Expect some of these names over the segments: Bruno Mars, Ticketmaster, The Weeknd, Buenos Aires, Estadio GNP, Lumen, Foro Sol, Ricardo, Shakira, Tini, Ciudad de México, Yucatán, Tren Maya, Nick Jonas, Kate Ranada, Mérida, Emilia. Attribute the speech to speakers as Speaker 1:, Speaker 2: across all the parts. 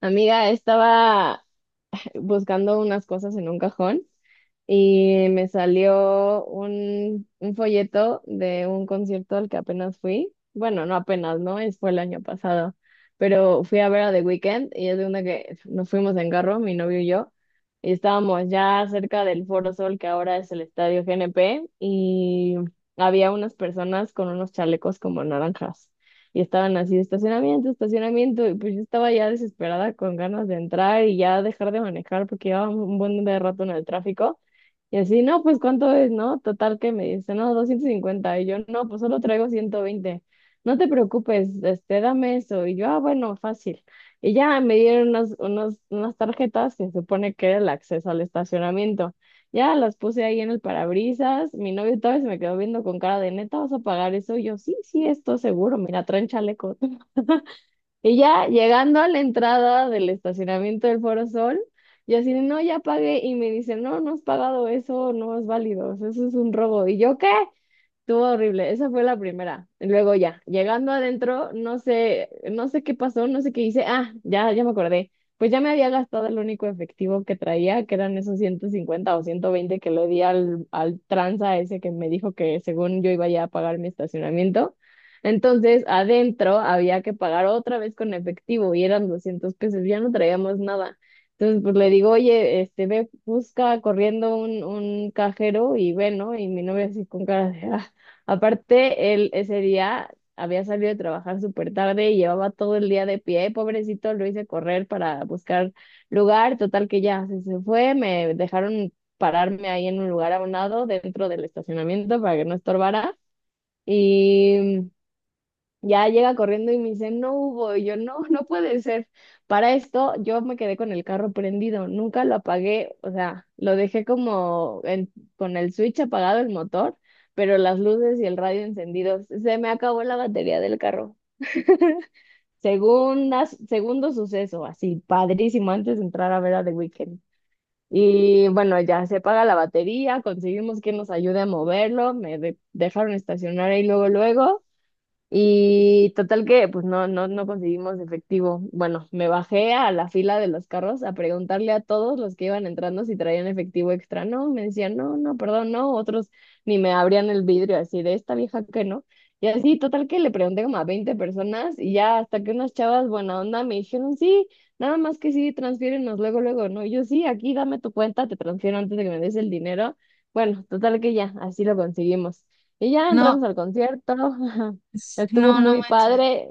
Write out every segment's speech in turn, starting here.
Speaker 1: Amiga, estaba buscando unas cosas en un cajón y me salió un folleto de un concierto al que apenas fui. Bueno, no apenas, ¿no? Fue el año pasado, pero fui a ver a The Weeknd y es de una que nos fuimos en carro, mi novio y yo, y estábamos ya cerca del Foro Sol, que ahora es el Estadio GNP, y había unas personas con unos chalecos como naranjas y estaban así, estacionamiento, estacionamiento, y pues yo estaba ya desesperada con ganas de entrar y ya dejar de manejar porque llevaba un buen de rato en el tráfico. Y así, no, pues ¿cuánto es, no? Total que me dice, no, 250. Y yo, no, pues solo traigo 120. No te preocupes, este, dame eso. Y yo, ah, bueno, fácil. Y ya me dieron unas tarjetas que se supone que era el acceso al estacionamiento. Ya las puse ahí en el parabrisas. Mi novio todavía se me quedó viendo con cara de neta, ¿vas a pagar eso? Y yo, sí, sí, esto seguro, mira, traen chaleco. Y ya llegando a la entrada del estacionamiento del Foro Sol, yo así, de, no, ya pagué. Y me dice, no, no has pagado eso, no es válido, eso es un robo. ¿Y yo qué? Estuvo horrible, esa fue la primera. Y luego ya, llegando adentro, no sé, no sé qué pasó, no sé qué hice. Ah, ya me acordé. Pues ya me había gastado el único efectivo que traía, que eran esos 150 o 120 que le di al tranza ese que me dijo que según yo iba ya a pagar mi estacionamiento. Entonces, adentro había que pagar otra vez con efectivo y eran 200 pesos, ya no traíamos nada. Entonces, pues le digo, oye, este, ve, busca corriendo un cajero y ve, ¿no? Y mi novia así con cara de, "Ah, aparte, él ese día había salido de trabajar súper tarde y llevaba todo el día de pie. Pobrecito, lo hice correr para buscar lugar. Total que ya se fue. Me dejaron pararme ahí en un lugar a un lado dentro del estacionamiento para que no estorbara. Y ya llega corriendo y me dice, no hubo. Y yo, no, no puede ser. Para esto, yo me quedé con el carro prendido, nunca lo apagué, o sea, lo dejé como con el switch apagado el motor, pero las luces y el radio encendidos. Se me acabó la batería del carro. Segundo suceso, así, padrísimo, antes de entrar a ver a The Weeknd. Y bueno, ya se paga la batería, conseguimos que nos ayude a moverlo, me dejaron estacionar ahí luego, luego. Y total que pues no conseguimos efectivo. Bueno, me bajé a la fila de los carros a preguntarle a todos los que iban entrando si traían efectivo extra. No, me decían, no, no, perdón, no. Otros ni me abrían el vidrio así de esta vieja que no. Y así, total que le pregunté como a 20 personas y ya hasta que unas chavas buena onda me dijeron, sí, nada más que sí, transfiérenos luego, luego, ¿no? Y yo sí, aquí dame tu cuenta, te transfiero antes de que me des el dinero. Bueno, total que ya, así lo conseguimos. Y ya
Speaker 2: No,
Speaker 1: entramos al concierto. Estuvo
Speaker 2: no, no
Speaker 1: muy
Speaker 2: manches.
Speaker 1: padre,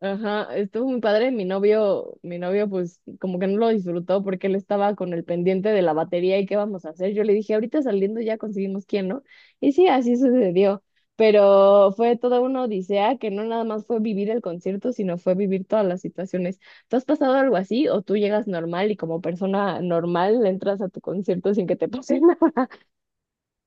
Speaker 1: ajá, estuvo muy padre. Mi novio, pues como que no lo disfrutó porque él estaba con el pendiente de la batería y qué vamos a hacer. Yo le dije, ahorita saliendo ya conseguimos quién, ¿no? Y sí, así sucedió. Pero fue toda una odisea que no nada más fue vivir el concierto, sino fue vivir todas las situaciones. ¿Tú has pasado algo así o tú llegas normal y como persona normal entras a tu concierto sin que te pase nada?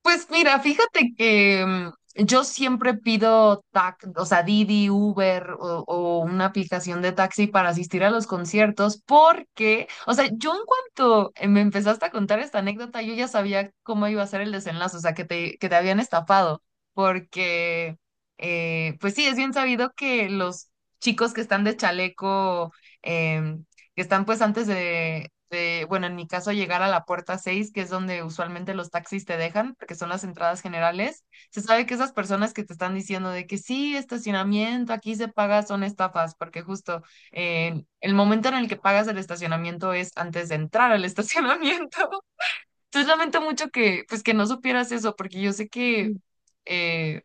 Speaker 2: Pues mira, fíjate que yo siempre pido o sea, Didi, Uber o una aplicación de taxi para asistir a los conciertos porque, o sea, yo en cuanto me empezaste a contar esta anécdota, yo ya sabía cómo iba a ser el desenlace, o sea, que te habían estafado, porque, pues sí, es bien sabido que los chicos que están de chaleco em, que están pues antes de, bueno, en mi caso llegar a la puerta 6 que es donde usualmente los taxis te dejan, porque son las entradas generales. Se sabe que esas personas que te están diciendo de que sí, estacionamiento, aquí se paga, son estafas, porque justo el momento en el que pagas el estacionamiento es antes de entrar al estacionamiento. Entonces lamento mucho que, pues, que no supieras eso, porque yo sé que. eh,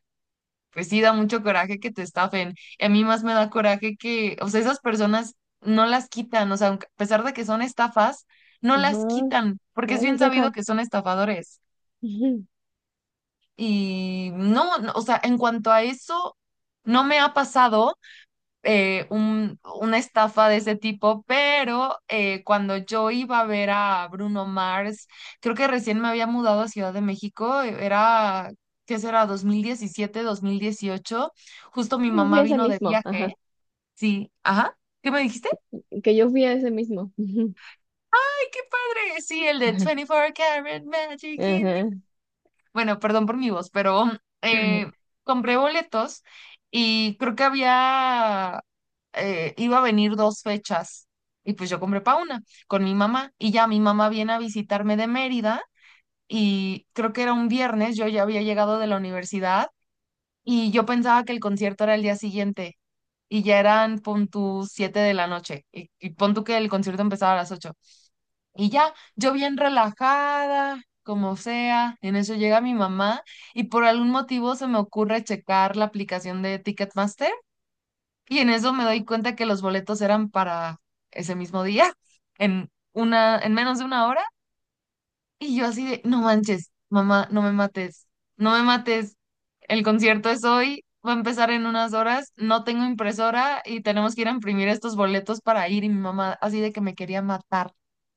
Speaker 2: pues sí, da mucho coraje que te estafen. Y a mí más me da coraje que, o sea, esas personas no las quitan, o sea, a pesar de que son estafas, no
Speaker 1: Ajá,
Speaker 2: las quitan, porque es
Speaker 1: ahí
Speaker 2: bien
Speaker 1: los
Speaker 2: sabido
Speaker 1: dejan.
Speaker 2: que son estafadores.
Speaker 1: Ujú.
Speaker 2: Y no, no, o sea, en cuanto a eso, no me ha pasado una estafa de ese tipo, pero cuando yo iba a ver a Bruno Mars, creo que recién me había mudado a Ciudad de México, era, ¿qué será? 2017, 2018. Justo mi
Speaker 1: Yo fui
Speaker 2: mamá
Speaker 1: ese
Speaker 2: vino de
Speaker 1: mismo.
Speaker 2: viaje. Sí, ajá, ¿qué me dijiste?
Speaker 1: Que yo fui a ese mismo.
Speaker 2: ¡Ay, qué padre! Sí, el de 24 Karat Magic in.
Speaker 1: Ajá.
Speaker 2: Bueno, perdón por mi voz, pero eh, compré boletos y creo que había, iba a venir dos fechas y pues yo compré para una con mi mamá y ya mi mamá viene a visitarme de Mérida. Y creo que era un viernes, yo ya había llegado de la universidad y yo pensaba que el concierto era el día siguiente y ya eran pon tú 7 de la noche y pon tú que el concierto empezaba a las 8. Y ya, yo bien relajada, como sea, en eso llega mi mamá y por algún motivo se me ocurre checar la aplicación de Ticketmaster y en eso me doy cuenta que los boletos eran para ese mismo día, en menos de una hora, y yo así de, no manches, mamá, no me mates, no me mates, el concierto es hoy, va a empezar en unas horas, no tengo impresora y tenemos que ir a imprimir estos boletos para ir, y mi mamá así de que me quería matar,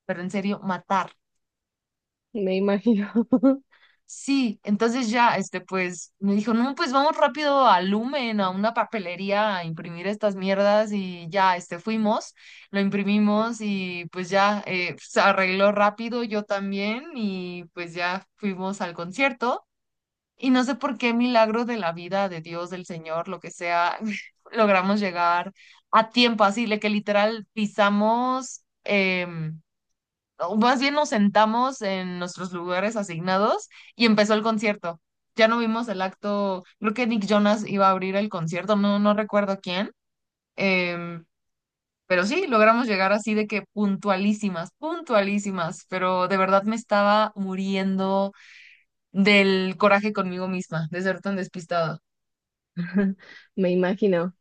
Speaker 2: pero en serio, matar.
Speaker 1: Me imagino,
Speaker 2: Sí, entonces ya, pues, me dijo, no, pues vamos rápido a Lumen, a una papelería, a imprimir estas mierdas. Y ya, fuimos, lo imprimimos y pues ya, se arregló rápido, yo también, y pues ya fuimos al concierto. Y no sé por qué milagro de la vida, de Dios, del Señor, lo que sea, logramos llegar a tiempo, así, de que literal pisamos, o más bien nos sentamos en nuestros lugares asignados y empezó el concierto. Ya no vimos el acto, creo que Nick Jonas iba a abrir el concierto, no, no recuerdo quién. em, pero sí, logramos llegar así de que puntualísimas, puntualísimas, pero de verdad me estaba muriendo del coraje conmigo misma, de ser tan despistada.
Speaker 1: me imagino,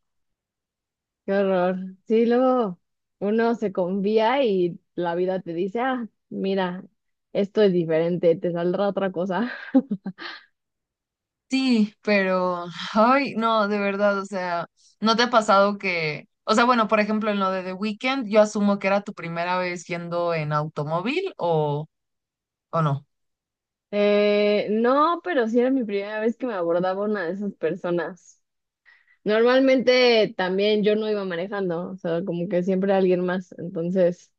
Speaker 1: qué horror. Sí, luego uno se confía y la vida te dice, ah, mira, esto es diferente, te saldrá otra cosa.
Speaker 2: Sí, pero, ay, no, de verdad, o sea, ¿no te ha pasado que, o sea, bueno, por ejemplo, en lo de The Weeknd, yo asumo que era tu primera vez yendo en automóvil o no?
Speaker 1: No, pero sí era mi primera vez que me abordaba una de esas personas. Normalmente también yo no iba manejando, o sea, como que siempre alguien más, entonces...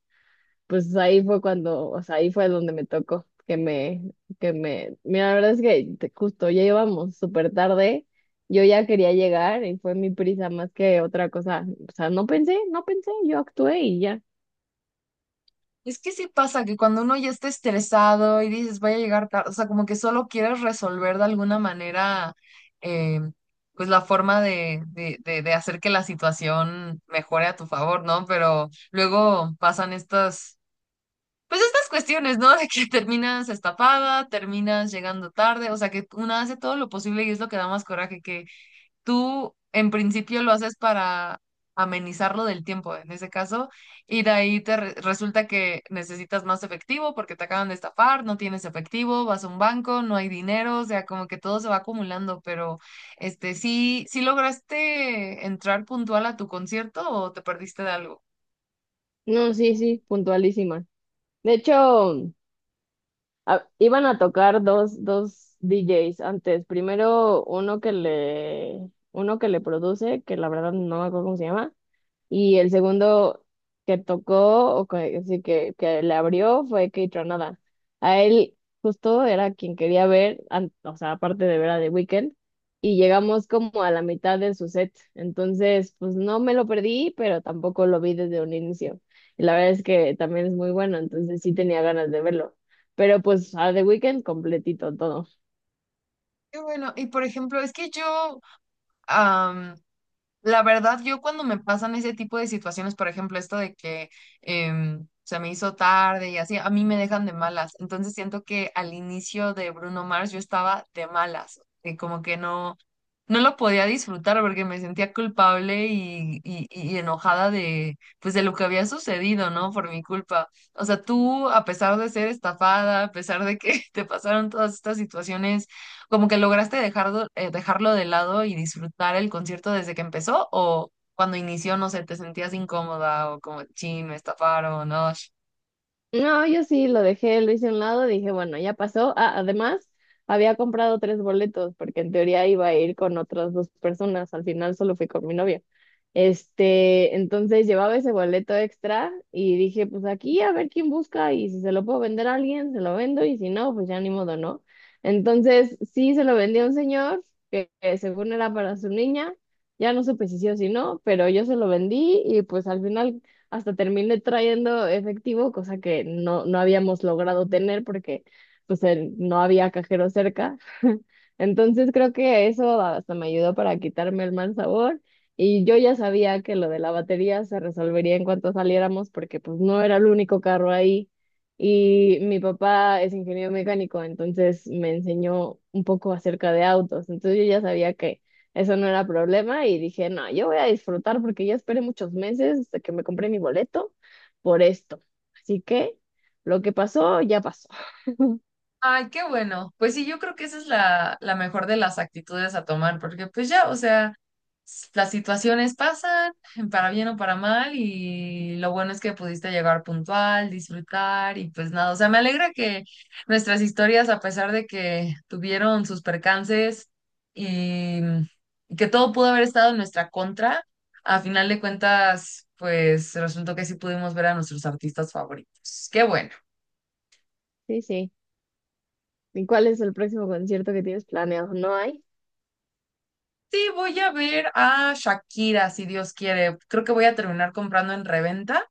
Speaker 1: pues ahí fue cuando, o sea, ahí fue donde me tocó, mira, la verdad es que justo ya íbamos súper tarde, yo ya quería llegar y fue mi prisa más que otra cosa, o sea, no pensé, no pensé, yo actué y ya.
Speaker 2: Es que sí pasa que cuando uno ya está estresado y dices, voy a llegar tarde, o sea, como que solo quieres resolver de alguna manera, eh, pues la forma de hacer que la situación mejore a tu favor, ¿no? Pero luego pasan estas cuestiones, ¿no? De que terminas estafada, terminas llegando tarde, o sea que una hace todo lo posible y es lo que da más coraje, que tú en principio lo haces para amenizarlo del tiempo, en ese caso, y de ahí resulta que necesitas más efectivo porque te acaban de estafar, no tienes efectivo, vas a un banco, no hay dinero, o sea, como que todo se va acumulando, pero ¿sí, sí lograste entrar puntual a tu concierto o te perdiste de algo?
Speaker 1: No, sí, sí, puntualísima. De hecho, iban a tocar dos DJs antes, primero uno que le, produce, que la verdad no me acuerdo cómo se llama. Y el segundo que tocó, o que, así que le abrió, fue Kate Ranada. A él justo era quien quería ver, o sea, aparte de ver a The Weeknd, y llegamos como a la mitad de su set. Entonces, pues no me lo perdí, pero tampoco lo vi desde un inicio. Y la verdad es que también es muy bueno, entonces sí tenía ganas de verlo. Pero pues a The Weeknd completito todo.
Speaker 2: Qué bueno. Y por ejemplo, es que yo... La verdad, yo cuando me pasan ese tipo de situaciones, por ejemplo, esto de que se me hizo tarde y así, a mí me dejan de malas. Entonces siento que al inicio de Bruno Mars yo estaba de malas, y como que no, no lo podía disfrutar porque me sentía culpable y enojada de, pues, de lo que había sucedido, ¿no? Por mi culpa. O sea, tú, a pesar de ser estafada, a pesar de que te pasaron todas estas situaciones, como que lograste dejarlo, dejarlo de lado y disfrutar el concierto desde que empezó o cuando inició. No sé, ¿te sentías incómoda o como, chin, me estafaron? No.
Speaker 1: No, yo sí lo dejé, lo hice a un lado, dije, bueno, ya pasó. Ah, además, había comprado tres boletos porque en teoría iba a ir con otras dos personas, al final solo fui con mi novia. Este, entonces llevaba ese boleto extra y dije, pues aquí a ver quién busca y si se lo puedo vender a alguien, se lo vendo y si no, pues ya ni modo, ¿no? Entonces, sí se lo vendí a un señor que según era para su niña, ya no supe si sí o si no, pero yo se lo vendí y pues al final hasta terminé trayendo efectivo, cosa que no habíamos logrado tener porque pues no había cajero cerca. Entonces creo que eso hasta me ayudó para quitarme el mal sabor y yo ya sabía que lo de la batería se resolvería en cuanto saliéramos porque pues no era el único carro ahí y mi papá es ingeniero mecánico, entonces me enseñó un poco acerca de autos, entonces yo ya sabía que eso no era problema y dije, no, yo voy a disfrutar porque ya esperé muchos meses hasta que me compré mi boleto por esto. Así que lo que pasó, ya pasó.
Speaker 2: Ay, qué bueno. Pues sí, yo creo que esa es la, la mejor de las actitudes a tomar, porque pues ya, o sea, las situaciones pasan, para bien o para mal, y lo bueno es que pudiste llegar puntual, disfrutar, y pues nada, o sea, me alegra que nuestras historias, a pesar de que tuvieron sus percances, y y que todo pudo haber estado en nuestra contra, a final de cuentas, pues resultó que sí pudimos ver a nuestros artistas favoritos. Qué bueno.
Speaker 1: Sí, sí. ¿Y cuál es el próximo concierto que tienes planeado? No hay.
Speaker 2: Sí, voy a ver a Shakira, si Dios quiere. Creo que voy a terminar comprando en reventa,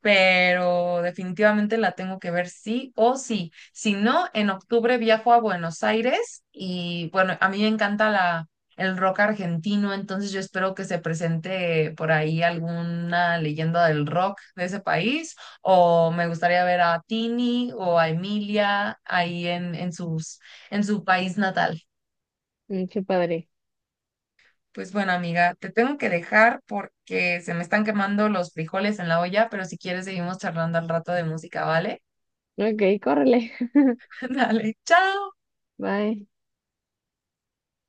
Speaker 2: pero definitivamente la tengo que ver sí o sí. Si no, en octubre viajo a Buenos Aires y bueno, a mí me encanta el rock argentino, entonces yo espero que se presente por ahí alguna leyenda del rock de ese país o me gustaría ver a Tini o a Emilia ahí en sus, en su país natal.
Speaker 1: Mm, qué padre.
Speaker 2: Pues bueno, amiga, te tengo que dejar porque se me están quemando los frijoles en la olla, pero si quieres seguimos charlando al rato de música, ¿vale?
Speaker 1: Ok, córrele.
Speaker 2: Dale, chao.
Speaker 1: Bye.